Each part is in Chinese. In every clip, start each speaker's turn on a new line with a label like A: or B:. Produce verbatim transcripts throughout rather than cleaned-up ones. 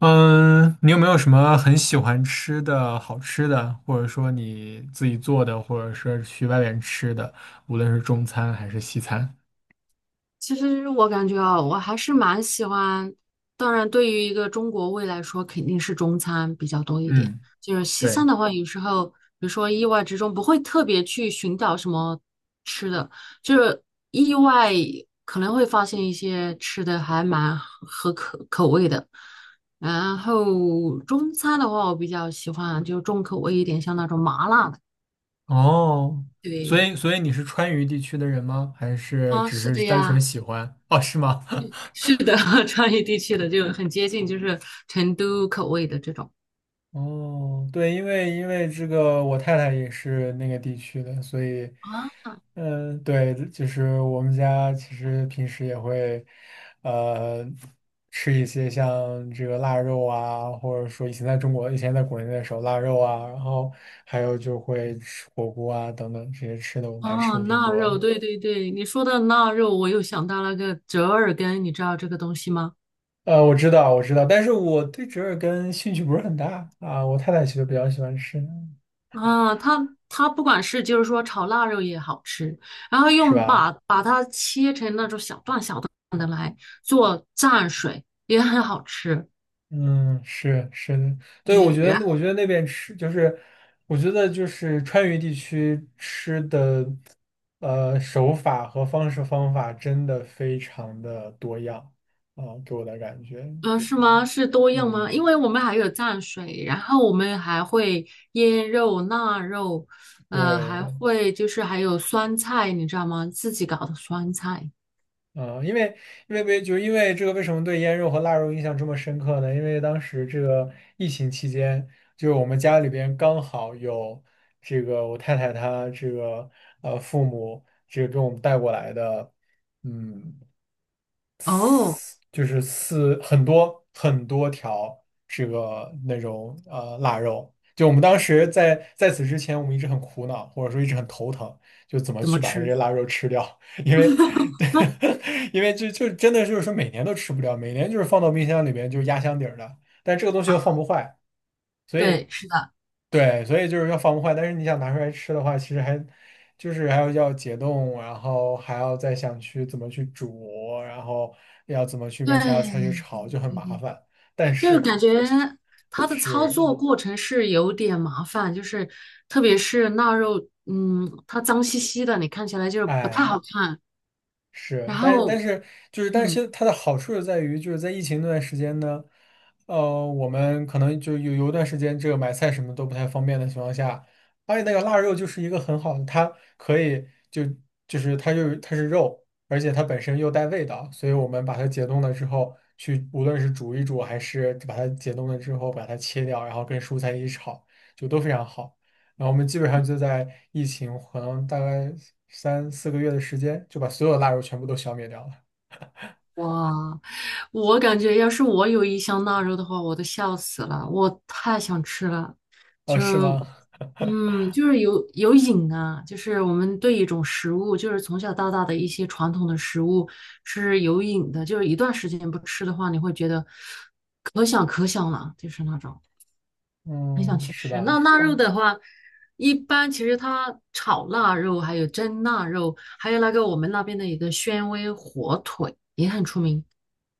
A: 嗯，你有没有什么很喜欢吃的好吃的，或者说你自己做的，或者是去外面吃的，无论是中餐还是西餐？
B: 其实我感觉啊，我还是蛮喜欢。当然，对于一个中国胃来说，肯定是中餐比较多一点。
A: 嗯，
B: 就是西餐
A: 对，
B: 的话，有时候，比如说意外之中，不会特别去寻找什么吃的，就是意外可能会发现一些吃的还蛮合口口味的。然后中餐的话，我比较喜欢就重口味一点，像那种麻辣的。
A: 哦，所
B: 对，
A: 以所以你是川渝地区的人吗？还是
B: 啊，
A: 只
B: 是
A: 是
B: 的
A: 单纯
B: 呀。
A: 喜欢？哦，是吗？
B: 是的，川渝地区的就很接近，就是成都口味的这种。
A: 哦，对，因为因为这个我太太也是那个地区的，所以，
B: 啊，
A: 嗯，对，就是我们家其实平时也会，呃，吃一些像这个腊肉啊，或者说以前在中国，以前在国内的时候腊肉啊，然后还有就会吃火锅啊等等这些吃的，我们还吃
B: 哦，
A: 的挺
B: 腊
A: 多
B: 肉，
A: 的。
B: 对对对，你说的腊肉，我又想到了个折耳根，你知道这个东西吗？
A: 呃，我知道，我知道，但是我对折耳根兴趣不是很大啊，我太太其实比较喜欢吃，
B: 啊，它它不管是就是说炒腊肉也好吃，然后
A: 是
B: 用
A: 吧？
B: 把把它切成那种小段小段的来做蘸水也很好吃。
A: 嗯，是是的，对，我
B: 对，
A: 觉
B: 然。
A: 得我觉得那边吃就是，我觉得就是川渝地区吃的，呃，手法和方式方法真的非常的多样啊，给我的感觉
B: 嗯，是
A: 是，
B: 吗？是多样吗？因
A: 嗯，
B: 为我们还有蘸水，然后我们还会腌肉、腊肉，呃，还
A: 对。
B: 会就是还有酸菜，你知道吗？自己搞的酸菜。
A: 嗯，因为因为为就因为这个，为什么对腌肉和腊肉印象这么深刻呢？因为当时这个疫情期间，就是我们家里边刚好有这个我太太她这个呃父母这个给我们带过来的，嗯。
B: 哦，
A: 就是四很多很多条这个那种呃腊肉。就我们当时在在此之前，我们一直很苦恼，或者说一直很头疼，就怎么
B: 怎么
A: 去把它这些
B: 吃？
A: 腊肉吃掉，因为 因为就就真的就是说每年都吃不掉，每年就是放到冰箱里边就是压箱底儿的，但这个东西
B: 啊，
A: 又放不坏，所以。
B: 对，是的。
A: 对，所以就是要防坏，但是你想拿出来吃的话，其实还就是还要要解冻，然后还要再想去怎么去煮，然后要怎么去跟其他菜去
B: 对，
A: 炒，就很麻烦。但
B: 就是
A: 是
B: 感觉它的操
A: 是，
B: 作过程是有点麻烦，就是特别是腊肉，嗯，它脏兮兮的，你看起来就是不太
A: 哎，
B: 好看。
A: 是，
B: 然
A: 但但
B: 后，
A: 是就是，但
B: 嗯，
A: 是它的好处就在于，就是在疫情那段时间呢，呃，我们可能就有有一段时间，这个买菜什么都不太方便的情况下，而且那个腊肉就是一个很好的，它可以就就是它就是它是肉，而且它本身又带味道，所以我们把它解冻了之后，去无论是煮一煮，还是把它解冻了之后把它切掉，然后跟蔬菜一起炒，就都非常好。然后我们基本上就在疫情可能大概三四个月的时间，就把所有的腊肉全部都消灭掉了。
B: 哇，我感觉要是我有一箱腊肉的话，我都笑死了，我太想吃了。
A: 哦，
B: 就
A: 是
B: 是，
A: 吗？
B: 嗯，就是有有瘾啊，就是我们对一种食物，就是从小到大的一些传统的食物是有瘾的，就是一段时间不吃的话，你会觉得可想可想了，就是那种。很想
A: 嗯，
B: 去
A: 是
B: 吃。
A: 吧？
B: 那腊肉
A: 嗯
B: 的话，一般其实它炒腊肉，还有蒸腊肉，还有那个我们那边的一个宣威火腿也很出名，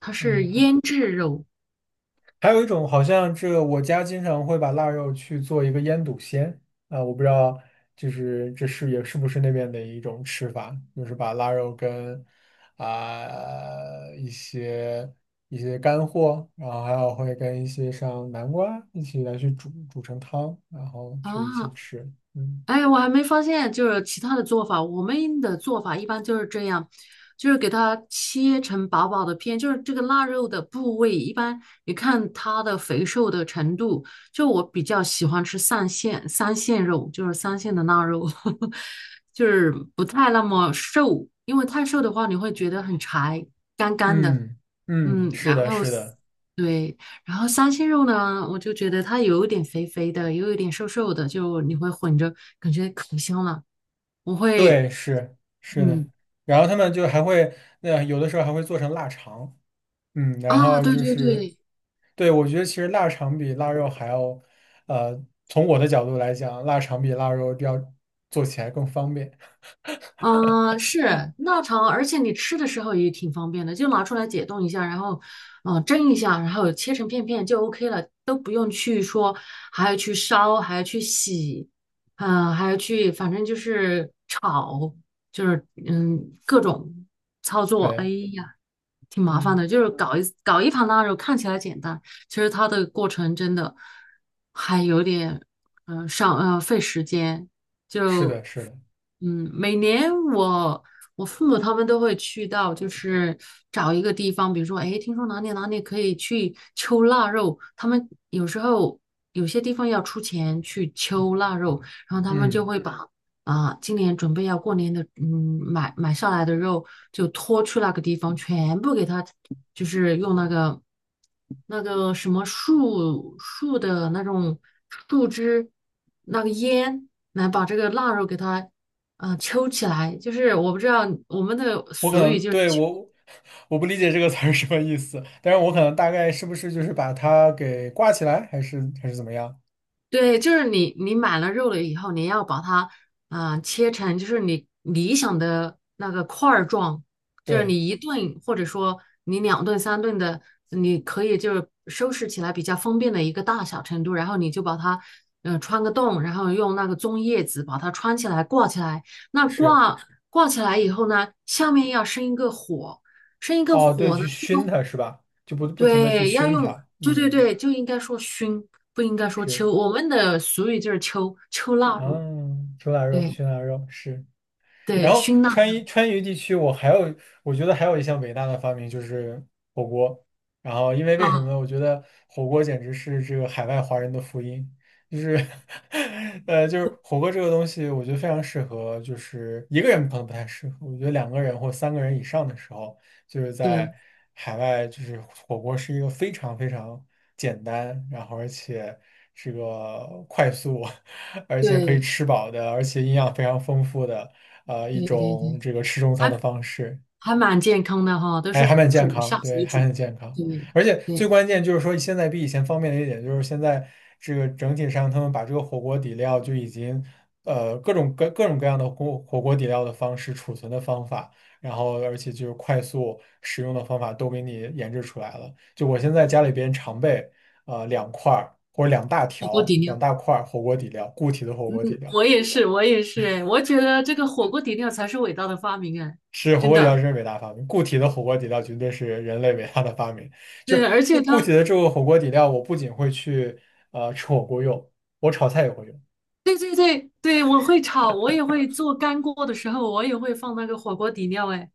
B: 它是
A: 嗯，
B: 腌制肉
A: 还有一种好像这我家经常会把腊肉去做一个腌笃鲜啊，我不知道就是这是也是不是那边的一种吃法，就是把腊肉跟啊、一些一些干货，然后还有会跟一些像南瓜一起来去煮煮成汤，然后
B: 啊。
A: 去一起吃。嗯
B: 哎，我还没发现，就是其他的做法。我们的做法一般就是这样，就是给它切成薄薄的片，就是这个腊肉的部位，一般你看它的肥瘦的程度。就我比较喜欢吃三线三线肉，就是三线的腊肉，就是不太那么瘦，因为太瘦的话你会觉得很柴，干干的。
A: 嗯嗯，
B: 嗯，
A: 是
B: 然
A: 的，
B: 后
A: 是的，
B: 对，然后三鲜肉呢，我就觉得它有一点肥肥的，又有一点瘦瘦的，就你会混着，感觉可香了。我会，
A: 对，是是的。
B: 嗯，
A: 然后他们就还会，那有的时候还会做成腊肠。嗯，然
B: 啊，
A: 后
B: 对
A: 就
B: 对
A: 是，
B: 对，
A: 对，我觉得其实腊肠比腊肉还要，呃，从我的角度来讲，腊肠比腊肉要做起来更方便。
B: 嗯，是腊肠，而且你吃的时候也挺方便的，就拿出来解冻一下，然后，嗯、蒸一下，然后切成片片就 OK 了，都不用去说还要去烧，还要去洗，嗯，还要去，反正就是炒，就是嗯，各种操作，哎
A: 对，
B: 呀，挺麻烦
A: 嗯，
B: 的。就是搞一搞一盘腊肉，看起来简单，其实它的过程真的还有点，嗯、上呃费时间，
A: 是
B: 就。
A: 的，是的，
B: 嗯，每年我我父母他们都会去到，就是找一个地方，比如说，哎，听说哪里哪里可以去秋腊肉，他们有时候有些地方要出钱去秋腊肉，然后他们就
A: 嗯，
B: 会嗯把啊，今年准备要过年的，嗯，买买下来的肉就拖去那个地方，全部给它，就是用那个那个什么树树的那种树枝，那个烟来把这个腊肉给它，呃，抽起来。就是我不知道我们的
A: 我可
B: 俗语
A: 能
B: 就是。
A: 对我我不理解这个词儿什么意思，但是我可能大概是不是就是把它给挂起来，还是还是怎么样？
B: 对，就是你你买了肉了以后，你要把它嗯，呃切成就是你理想的那个块儿状，就是
A: 对，
B: 你一顿或者说你两顿三顿的，你可以就是收拾起来比较方便的一个大小程度，然后你就把它嗯、呃穿个洞，然后用那个棕叶子把它穿起来挂起来。那
A: 是，
B: 挂挂起来以后呢，下面要生一个火，生一个
A: 哦，对，
B: 火呢。
A: 去熏它是吧？就不不停的去
B: 对，要
A: 熏
B: 用，
A: 它，
B: 对对
A: 嗯，
B: 对，就应该说熏，不应该说
A: 是，
B: 秋。我们的俗语就是秋，秋腊
A: 啊，
B: 肉。
A: 煮腊肉，
B: 对
A: 熏腊肉是。然
B: 对，
A: 后
B: 熏腊
A: 川渝川渝地区，我还有我觉得还有一项伟大的发明就是火锅。然后因为
B: 肉
A: 为什么
B: 啊，
A: 呢？我觉得火锅简直是这个海外华人的福音，就是 呃就是火锅这个东西，我觉得非常适合，就是一个人可能不太适合，我觉得两个人或三个人以上的时候，就是在
B: 对
A: 海外，就是火锅是一个非常非常简单，然后而且这个快速，而且可以
B: 对
A: 吃饱的，而且营养非常丰富的。呃，一
B: 对对
A: 种
B: 对，
A: 这个吃中餐的
B: 还
A: 方式，
B: 还蛮健康的哈，都
A: 还
B: 是
A: 还蛮健
B: 煮
A: 康，
B: 下
A: 对，
B: 水
A: 还
B: 煮。
A: 很健康。
B: 对
A: 而且最
B: 对，
A: 关键就是说，现在比以前方便的一点就是现在这个整体上，他们把这个火锅底料就已经呃各种各各种各样的火火锅底料的方式、储存的方法，然后而且就是快速使用的方法都给你研制出来了。就我现在家里边常备呃两块儿或者两大
B: 火锅
A: 条、
B: 底
A: 两
B: 料，
A: 大块儿火锅底料，固体的火锅底料。
B: 我也是，我也是，哎，我觉得这个火锅底料才是伟大的发明，哎，
A: 是火
B: 真
A: 锅底料
B: 的。
A: 真是伟大发明，固体的火锅底料绝对是人类伟大的发明。就
B: 对，
A: 是
B: 而且
A: 固固体
B: 它，
A: 的这个火锅底料，我不仅会去呃吃火锅用，我炒菜也会用。
B: 对对对对，我会炒，我也会做干锅的时候，我也会放那个火锅底料，哎。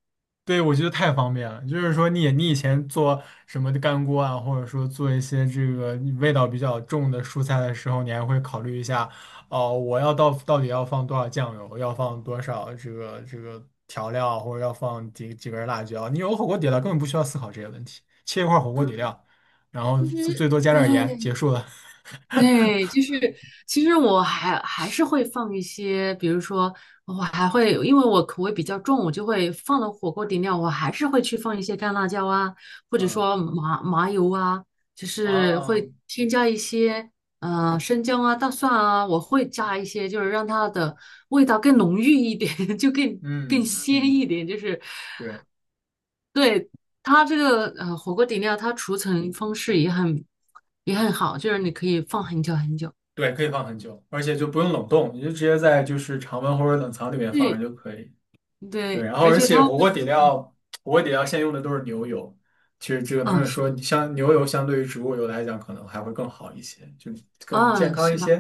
A: 对，我觉得太方便了。就是说你，你以前做什么的干锅啊，或者说做一些这个味道比较重的蔬菜的时候，你还会考虑一下，哦、我要到到底要放多少酱油，要放多少这个这个调料，或者要放几几根辣椒。你有火锅底料，根本不需要思考这些问题，切一块火锅底料，然后
B: 其
A: 最
B: 实，
A: 最多加
B: 对
A: 点
B: 对
A: 盐，
B: 对，
A: 结束了。
B: 对，就是其实我还还是会放一些，比如说我还会，因为我口味比较重，我就会放了火锅底料，我还是会去放一些干辣椒啊，或者
A: 嗯
B: 说麻麻油啊，就是
A: 啊，
B: 会添加一些呃生姜啊、大蒜啊，我会加一些，就是让它的味道更浓郁一点，就更更
A: 嗯
B: 鲜
A: 嗯，
B: 一点，就是
A: 是。
B: 对。它这个呃火锅底料，它储存方式也很也很好，就是你可以放很久很久。
A: 对，可以放很久，而且就不用冷冻，你就直接在就是常温或者冷藏里面放
B: 对
A: 着就可以。对，
B: 对，
A: 然后
B: 而
A: 而
B: 且
A: 且
B: 它会，
A: 火锅底
B: 嗯
A: 料，火锅底料现在用的都是牛油，其实这个他
B: 啊，
A: 们
B: 是
A: 说，
B: 的，
A: 相像牛油相对于植物油来讲，可能还会更好一些，就更健
B: 啊，
A: 康一
B: 是吧？
A: 些。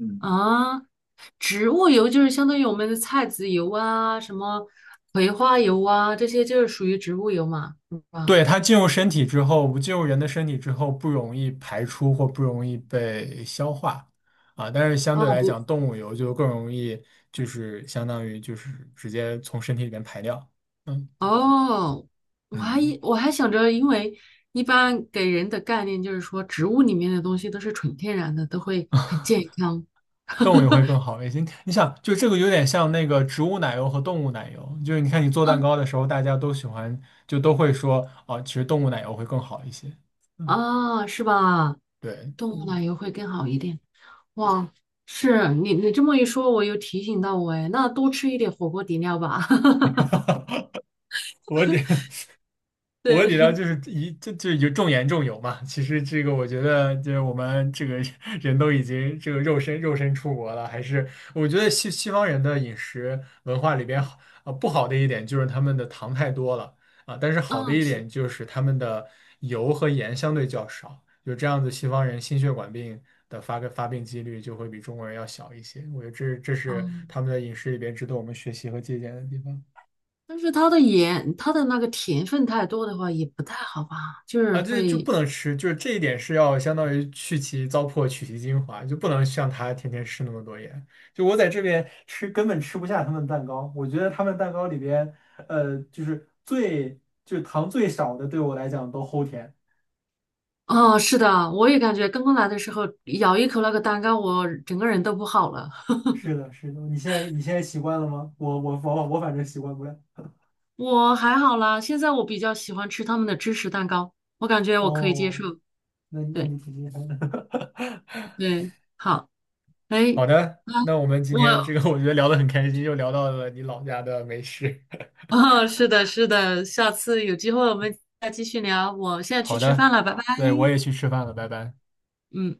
A: 嗯，
B: 啊，植物油就是相当于我们的菜籽油啊，什么葵花油啊，这些就是属于植物油嘛，是吧？
A: 对，它进入身体之后，不进入人的身体之后，不容易排出或不容易被消化啊。但是相对
B: 哦
A: 来
B: 不，
A: 讲，动物油就更容易，就是相当于就是直接从身体里面排掉。嗯。
B: 哦，我还
A: 嗯。
B: 以我还想着，因为一般给人的概念就是说，植物里面的东西都是纯天然的，都会很健康
A: 动物油会更好一些。你你想，就这个有点像那个植物奶油和动物奶油，就是你看你做蛋
B: 啊
A: 糕的时候，大家都喜欢，就都会说啊，其实动物奶油会更好一些。嗯，
B: 啊，是吧？
A: 对，
B: 动物
A: 嗯，
B: 奶油会更好一点。哇，是你你这么一说，我又提醒到我哎，那多吃一点火锅底料吧。
A: 我得 我底料
B: 对，
A: 就是一就就有重盐重油嘛。其实这个我觉得，就是我们这个 人都已经这个肉身肉身出国了，还是我觉得西西方人的饮食文化里边好呃不好的一点就是他们的糖太多了啊，但是好的
B: 嗯
A: 一
B: 是，
A: 点就是他们的油和盐相对较少，就这样子西方人心血管病的发个发病几率就会比中国人要小一些。我觉得这这是
B: 嗯，
A: 他们的饮食里边值得我们学习和借鉴的地方。
B: 但是它的盐，它的那个甜分太多的话也不太好吧，就是
A: 啊，这就
B: 会，
A: 不能吃，就是这一点是要相当于去其糟粕，取其精华，就不能像他天天吃那么多盐。就我在这边吃，根本吃不下他们蛋糕。我觉得他们蛋糕里边，呃，就是最就是糖最少的，对我来讲都齁甜。
B: 啊，是的，我也感觉刚刚来的时候咬一口那个蛋糕，我整个人都不好了。
A: 是的，是的，你现在你现在习惯了吗？我我我我反正习惯不了。
B: 我还好啦，现在我比较喜欢吃他们的芝士蛋糕，我感觉我可以接
A: 哦，
B: 受。
A: 那那
B: 对
A: 你挺厉害的。
B: 对，好，哎，
A: 好的，
B: 啊，
A: 那我们今
B: 我
A: 天这个我觉得聊得很开心，又聊到了你老家的美食。
B: 哦，是的，是的，下次有机会我们再继续聊。我现在去
A: 好
B: 吃
A: 的，
B: 饭了，拜拜。
A: 对，我也去吃饭了，拜拜。
B: 嗯。